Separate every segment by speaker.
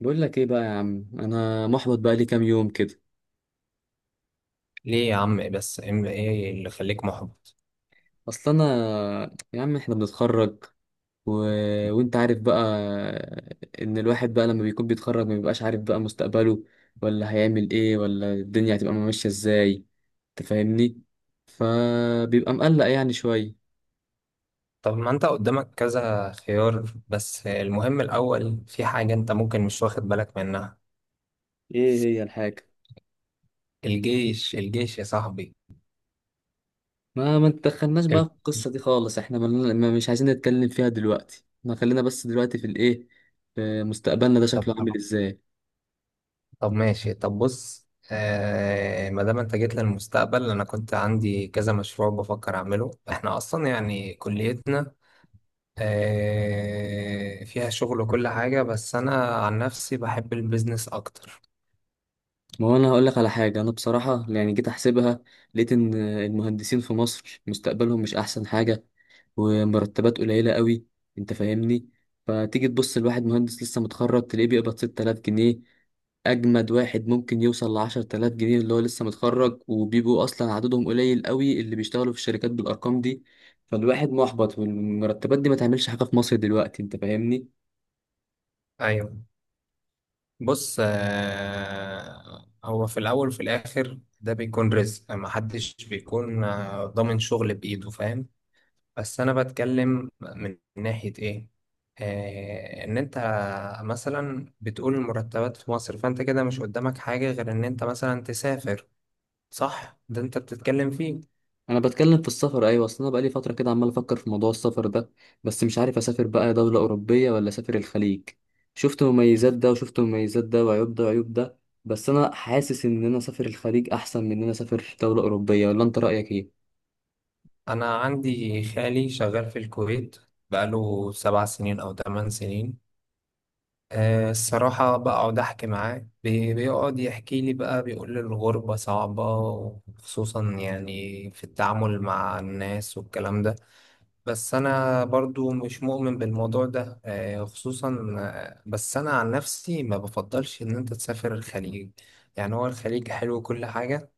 Speaker 1: بقول لك ايه بقى يا عم؟ انا محبط بقى لي كام يوم كده.
Speaker 2: ليه يا عم؟ إيه بس ايه اللي خليك محبط؟
Speaker 1: اصل انا يا عم، احنا بنتخرج و... وانت عارف بقى ان الواحد بقى لما بيكون بيتخرج ما بيبقاش عارف بقى مستقبله، ولا هيعمل ايه، ولا الدنيا هتبقى ماشية ازاي. تفهمني؟ فبيبقى مقلق يعني شوية.
Speaker 2: طب، ما انت قدامك كذا خيار، بس المهم الاول في حاجة انت ممكن مش واخد بالك منها.
Speaker 1: ايه هي الحاجة؟
Speaker 2: الجيش الجيش يا صاحبي.
Speaker 1: ما تدخلناش بقى في
Speaker 2: الجيش.
Speaker 1: القصة دي خالص، احنا ما مش عايزين نتكلم فيها دلوقتي، ما خلينا بس دلوقتي في الايه، في مستقبلنا ده
Speaker 2: طب
Speaker 1: شكله عامل
Speaker 2: طب
Speaker 1: ازاي.
Speaker 2: طب ماشي، طب بص، ما دام انت جيت للمستقبل انا كنت عندي كذا مشروع بفكر اعمله. احنا اصلا يعني كليتنا فيها شغل وكل حاجة، بس انا عن نفسي بحب البيزنس اكتر.
Speaker 1: ما هو انا هقول لك على حاجه، انا بصراحه يعني جيت احسبها، لقيت ان المهندسين في مصر مستقبلهم مش احسن حاجه، ومرتبات قليله قوي، انت فاهمني؟ فتيجي تبص لواحد مهندس لسه متخرج تلاقيه بيقبض 6000 جنيه، اجمد واحد ممكن يوصل ل 10000 جنيه اللي هو لسه متخرج، وبيبقوا اصلا عددهم قليل قوي اللي بيشتغلوا في الشركات بالارقام دي. فالواحد محبط، والمرتبات دي ما تعملش حاجه في مصر دلوقتي، انت فاهمني؟
Speaker 2: ايوه. بص، هو في الأول وفي الآخر ده بيكون رزق، محدش بيكون ضامن شغل بإيده، فاهم؟ بس أنا بتكلم من ناحية إيه؟ إن أنت مثلا بتقول المرتبات في مصر، فأنت كده مش قدامك حاجة غير إن أنت مثلا تسافر. صح؟ ده أنت بتتكلم فيه.
Speaker 1: انا بتكلم في السفر، ايوه، اصل انا بقالي فتره كده عمال افكر في موضوع السفر ده. بس مش عارف اسافر بقى دوله اوروبيه ولا اسافر الخليج. شفت مميزات ده وشفت مميزات ده، وعيوب ده وعيوب ده. بس انا حاسس ان انا اسافر الخليج احسن من ان انا اسافر دوله اوروبيه، ولا انت رايك ايه؟
Speaker 2: أنا عندي خالي شغال في الكويت، بقاله 7 سنين أو 8 سنين. الصراحة بقعد أحكي معاه، بيقعد يحكي لي بقى، بيقول لي الغربة صعبة، وخصوصا يعني في التعامل مع الناس والكلام ده. بس أنا برضو مش مؤمن بالموضوع ده، آه، خصوصا آه، بس أنا عن نفسي ما بفضلش إن أنت تسافر الخليج. يعني هو الخليج حلو كل حاجة،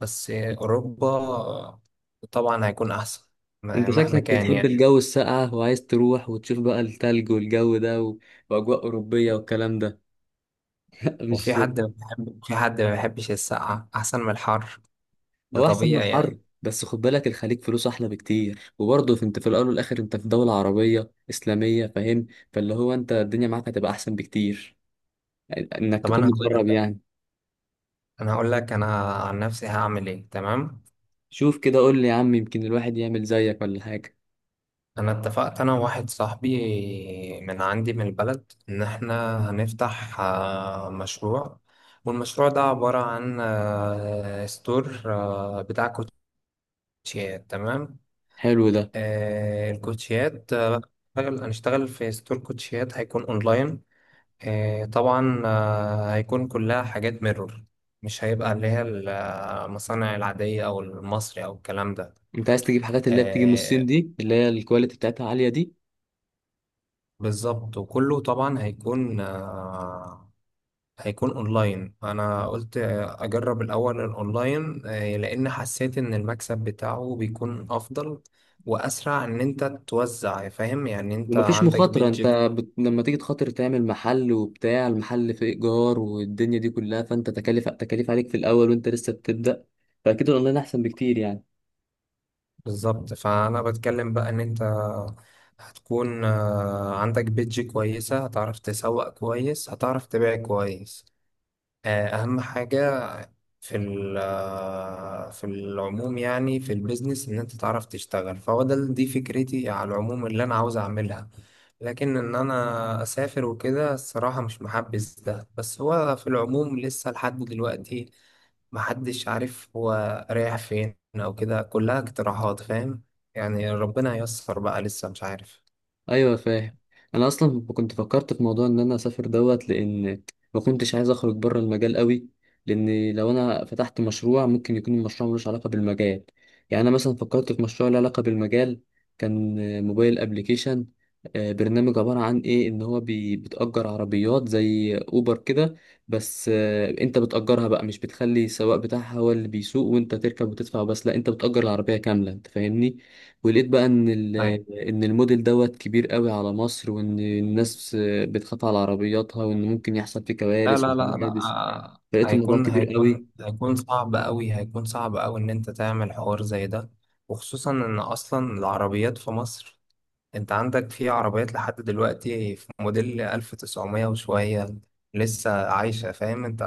Speaker 2: بس أوروبا طبعا هيكون أحسن.
Speaker 1: انت
Speaker 2: مهما
Speaker 1: شكلك
Speaker 2: كان
Speaker 1: بتحب
Speaker 2: يعني.
Speaker 1: الجو الساقع، وعايز تروح وتشوف بقى التلج والجو ده واجواء اوروبيه والكلام ده.
Speaker 2: وفي
Speaker 1: مش
Speaker 2: حد ما بيحب- في حد ما بيحبش السقعة أحسن من الحر، ده
Speaker 1: هو احسن من
Speaker 2: طبيعي
Speaker 1: الحر،
Speaker 2: يعني.
Speaker 1: بس خد بالك الخليج فلوس احلى بكتير، وبرضه انت في الاول والاخر انت في دولة عربية اسلامية، فاهم؟ فاللي هو انت الدنيا معاك هتبقى احسن بكتير، انك
Speaker 2: طب
Speaker 1: تكون
Speaker 2: انا هقول لك
Speaker 1: متغرب يعني.
Speaker 2: انا هقول لك انا عن نفسي هعمل ايه، تمام.
Speaker 1: شوف كده قول لي يا عم، يمكن الواحد يعمل زيك ولا حاجة.
Speaker 2: انا اتفقت انا وواحد صاحبي من عندي من البلد، ان احنا هنفتح مشروع. والمشروع ده عبارة عن ستور بتاع كوتشيات، تمام.
Speaker 1: حلو ده.
Speaker 2: الكوتشيات، هنشتغل في ستور كوتشيات هيكون اونلاين. طبعا هيكون كلها حاجات ميرور، مش هيبقى اللي هي المصانع العادية أو المصري أو الكلام ده.
Speaker 1: انت عايز تجيب حاجات اللي هي بتيجي من الصين
Speaker 2: آه
Speaker 1: دي، اللي هي الكواليتي بتاعتها عالية دي.
Speaker 2: بالظبط. وكله طبعا هيكون اونلاين. انا قلت اجرب الاول الاونلاين لان حسيت ان المكسب بتاعه بيكون افضل واسرع ان انت توزع، فاهم يعني؟ انت
Speaker 1: ومفيش
Speaker 2: عندك
Speaker 1: مخاطرة، انت
Speaker 2: بيدج.
Speaker 1: لما تيجي تخاطر تعمل محل، وبتاع المحل في ايجار والدنيا دي كلها، فانت تكاليف تكاليف عليك في الاول وانت لسه بتبدأ، فاكيد الاونلاين احسن بكتير يعني.
Speaker 2: بالظبط، فانا بتكلم بقى ان انت هتكون عندك بيدج كويسة، هتعرف تسوق كويس، هتعرف تبيع كويس. أهم حاجة في ال- آه، في العموم، يعني في البيزنس، إن أنت تعرف تشتغل. فهو ده دي فكرتي على العموم اللي أنا عاوز أعملها. لكن إن أنا أسافر وكده الصراحة مش محبذ ده. بس هو في العموم لسه لحد دلوقتي محدش عارف هو رايح فين، أو كده كلها اقتراحات، فاهم؟ يعني ربنا ييسر بقى، لسه مش عارف.
Speaker 1: ايوه فاهم. انا اصلا كنت فكرت في موضوع ان انا اسافر دوت، لان ما كنتش عايز اخرج بره المجال قوي، لان لو انا فتحت مشروع ممكن يكون المشروع ملوش علاقه بالمجال. يعني انا مثلا فكرت في مشروع له علاقه بالمجال. كان موبايل ابليكيشن، برنامج عباره عن ايه، ان هو بتأجر عربيات زي اوبر كده. بس انت بتأجرها بقى، مش بتخلي السواق بتاعها هو اللي بيسوق وانت تركب وتدفع بس، لا انت بتأجر العربيه كامله، انت فاهمني؟ ولقيت بقى ان الموديل دوت كبير قوي على مصر، وان الناس بتخاف على عربياتها، وان ممكن يحصل فيه
Speaker 2: لا،
Speaker 1: كوارث
Speaker 2: لا، لا، لا،
Speaker 1: وحوادث. فلقيت الموضوع
Speaker 2: هيكون
Speaker 1: كبير
Speaker 2: هيكون
Speaker 1: قوي.
Speaker 2: هيكون صعب أوي، هيكون صعب أوي إن أنت تعمل حوار زي ده. وخصوصا إن أصلا العربيات في مصر، أنت عندك في عربيات لحد دلوقتي في موديل 1900 وشوية لسه عايشة، فاهم أنت؟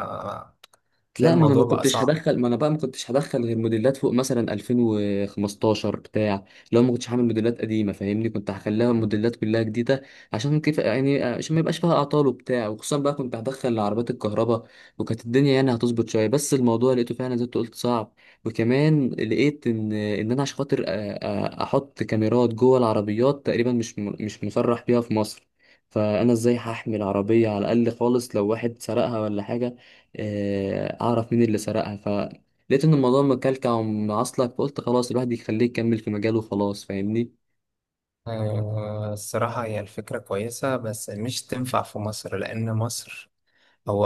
Speaker 2: تلاقي
Speaker 1: لا،
Speaker 2: الموضوع بقى صعب.
Speaker 1: ما انا بقى ما كنتش هدخل غير موديلات فوق مثلا 2015 بتاع. لو ما كنتش هعمل موديلات قديمه فاهمني، كنت هخليها موديلات كلها جديده، عشان كيف يعني، عشان ما يبقاش فيها اعطال وبتاع، وخصوصا بقى كنت هدخل عربيات الكهرباء. وكانت الدنيا يعني هتظبط شويه، بس الموضوع لقيته فعلا زي ما أنت قلت صعب. وكمان لقيت ان انا عشان خاطر احط كاميرات جوه العربيات تقريبا، مش مش مسرح بيها في مصر. فانا ازاي هحمل عربيه على الاقل خالص لو واحد سرقها ولا حاجه، اعرف مين اللي سرقها. فلقيت ان الموضوع مكلكع ومعصلك، فقلت خلاص الواحد يخليه يكمل في مجاله وخلاص، فاهمني؟
Speaker 2: الصراحة هي الفكرة كويسة، بس مش تنفع في مصر، لأن مصر هو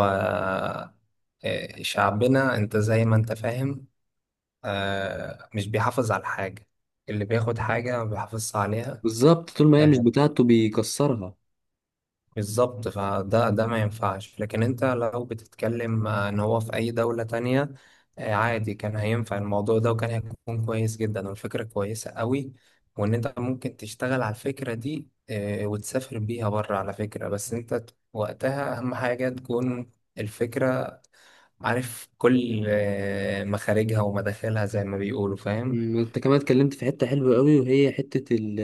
Speaker 2: آه، شعبنا أنت زي ما أنت فاهم. مش بيحافظ على الحاجة، اللي بياخد حاجة ما بيحافظش عليها.
Speaker 1: بالظبط، طول ما هي مش
Speaker 2: آه
Speaker 1: بتاعته بيكسرها.
Speaker 2: بالظبط، فده ما ينفعش. لكن انت لو بتتكلم ان هو في اي دولة تانية عادي كان هينفع الموضوع ده، وكان هيكون كويس جدا والفكرة كويسة قوي. وان انت ممكن تشتغل على الفكرة دي وتسافر بيها بره على فكرة. بس انت وقتها اهم حاجة تكون الفكرة، عارف كل مخارجها ومداخلها زي ما بيقولوا، فاهم؟
Speaker 1: انت كمان اتكلمت في حتة حلوة قوي، وهي حتة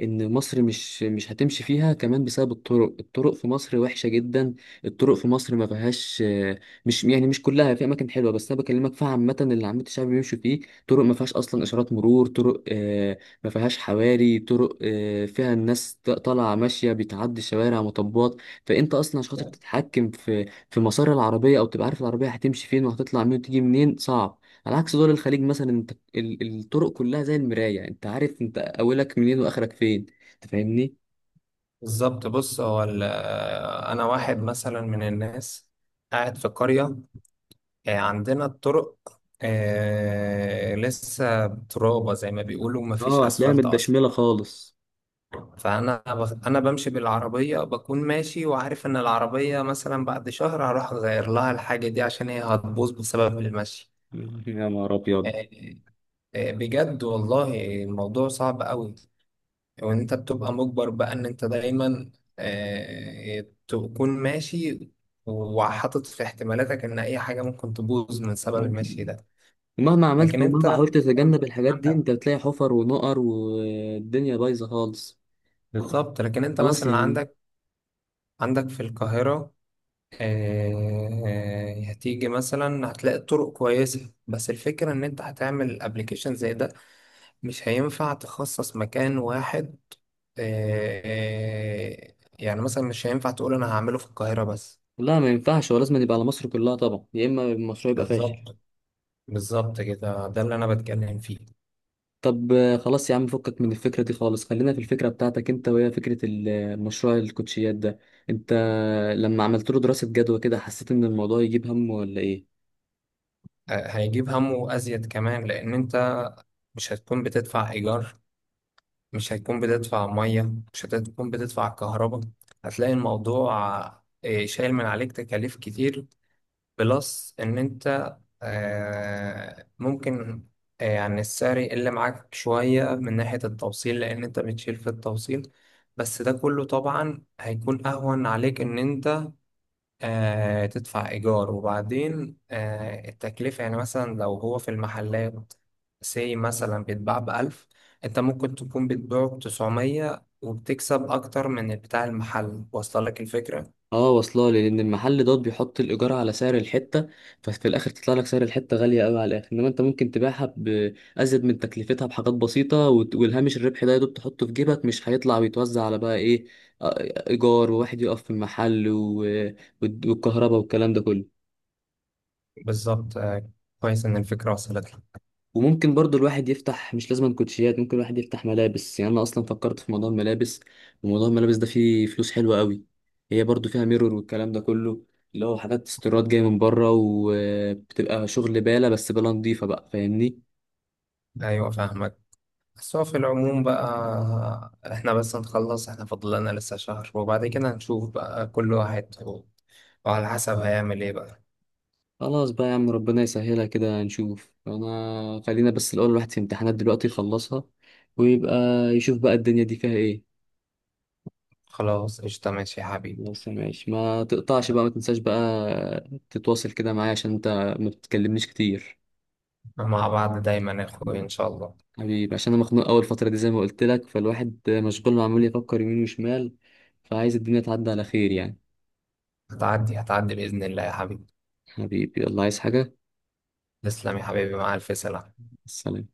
Speaker 1: ان مصر مش هتمشي فيها كمان بسبب الطرق. الطرق في مصر وحشة جدا. الطرق في مصر ما فيهاش مش يعني مش كلها في اماكن حلوة، بس انا بكلمك فيها عامة اللي عامة الشعب بيمشوا فيه. طرق ما فيهاش اصلا اشارات مرور، طرق ما فيهاش حواري، طرق فيها الناس طالعة ماشية بتعدي شوارع مطبات. فانت اصلا عشان خاطر تتحكم في مسار العربية او تبقى عارف العربية هتمشي فين وهتطلع منين وتيجي منين صعب. على عكس دول الخليج مثلا، انت الطرق كلها زي المراية، انت عارف انت اولك منين واخرك فين، انت فاهمني؟
Speaker 2: بالظبط. بص هو انا واحد مثلا من الناس قاعد في قرية. عندنا الطرق لسه ترابة زي ما بيقولوا، مفيش
Speaker 1: اه هتلاقيها
Speaker 2: اسفلت اصلا.
Speaker 1: متدشملة خالص.
Speaker 2: انا بمشي بالعربية بكون ماشي، وعارف ان العربية مثلا بعد شهر هروح اغير لها الحاجة دي، عشان هي هتبوظ بسبب المشي.
Speaker 1: يا نهار
Speaker 2: آه،
Speaker 1: ابيض.
Speaker 2: آه، بجد والله الموضوع صعب قوي. وان انت بتبقى مجبر بقى ان انت دايما تكون ماشي، وحاطط في احتمالاتك ان اي حاجه ممكن تبوظ من سبب المشي ده.
Speaker 1: مهما
Speaker 2: لكن
Speaker 1: عملت ومهما
Speaker 2: انت
Speaker 1: حاولت تتجنب الحاجات دي
Speaker 2: عندك
Speaker 1: انت بتلاقي حفر ونقر والدنيا بايظة خالص.
Speaker 2: بالظبط، لكن انت
Speaker 1: خلاص يا
Speaker 2: مثلا
Speaker 1: عم.
Speaker 2: عندك في القاهره. هتيجي مثلا هتلاقي طرق كويسه، بس الفكره ان انت هتعمل ابلكيشن زي ده، مش هينفع تخصص مكان واحد. يعني مثلا مش هينفع تقول انا هعمله في القاهره بس.
Speaker 1: لا ما ينفعش، هو لازم يبقى على مصر كلها طبعا، يا اما المشروع يبقى فاشل.
Speaker 2: بالظبط، بالظبط كده، ده اللي انا بتكلم فيه.
Speaker 1: طب خلاص يا عم، فكك من الفكرة دي خالص، خلينا في الفكرة بتاعتك انت، وهي فكرة المشروع الكوتشيات ده. انت لما عملت له دراسة جدوى كده، حسيت ان الموضوع يجيب هم ولا ايه؟
Speaker 2: هيجيب همه ازيد كمان، لان انت مش هتكون بتدفع ايجار، مش هتكون بتدفع ميه، مش هتكون بتدفع كهرباء. هتلاقي الموضوع شايل من عليك تكاليف كتير. بلس ان انت ممكن يعني السعر يقل معاك شوية من ناحية التوصيل، لان انت بتشيل في التوصيل. بس ده كله طبعا هيكون اهون عليك ان انت تدفع إيجار. وبعدين التكلفة، يعني مثلا لو هو في المحلات سي مثلا بيتباع بـ1000، أنت ممكن تكون بتبيعه بـ900 وبتكسب أكتر من بتاع المحل، واصلة لك الفكرة؟
Speaker 1: اه واصله لي، لان المحل دوت بيحط الايجار على سعر الحتة، ففي الاخر تطلع لك سعر الحتة غالية قوي على الاخر. انما انت ممكن تبيعها بازيد من تكلفتها بحاجات بسيطة والهامش الربح ده يا دوب تحطه في جيبك، مش هيطلع ويتوزع على بقى ايه، ايجار وواحد يقف في المحل والكهرباء والكلام ده كله.
Speaker 2: بالظبط. كويس إن الفكرة وصلت لك.
Speaker 1: وممكن برضو الواحد يفتح مش لازم كوتشيات، ممكن الواحد يفتح ملابس. يعني انا اصلا فكرت في موضوع الملابس، وموضوع الملابس ده فيه فلوس حلوة قوي. هي برضو فيها ميرور والكلام ده كله، اللي هو حاجات استيراد جاية من بره، وبتبقى شغل بالة، بس بالة نضيفة بقى، فاهمني؟
Speaker 2: أيوة، فاهمك. بس هو في العموم بقى، إحنا بس نخلص، إحنا فاضل لنا لسه شهر، وبعد كده هنشوف بقى كل واحد وعلى حسب هيعمل إيه بقى.
Speaker 1: خلاص بقى يا عم، ربنا يسهلها كده نشوف. انا خلينا بس الاول الواحد في امتحانات دلوقتي يخلصها، ويبقى يشوف بقى الدنيا دي فيها ايه.
Speaker 2: خلاص، قشطة، ماشي يا حبيبي.
Speaker 1: بس ماشي، ما تقطعش بقى، ما تنساش بقى تتواصل كده معايا، عشان انت ما بتكلمنيش كتير.
Speaker 2: مع بعض دايما يا اخوي، ان
Speaker 1: مم.
Speaker 2: شاء الله.
Speaker 1: حبيبي عشان انا مخنوق اول فتره دي زي ما قلت لك، فالواحد مشغول، ما عمال يفكر يمين وشمال، فعايز الدنيا تعدي على خير يعني.
Speaker 2: هتعدي باذن الله يا حبيبي.
Speaker 1: حبيبي، يلا عايز حاجه؟
Speaker 2: تسلم يا حبيبي، مع الف سلامه.
Speaker 1: سلام.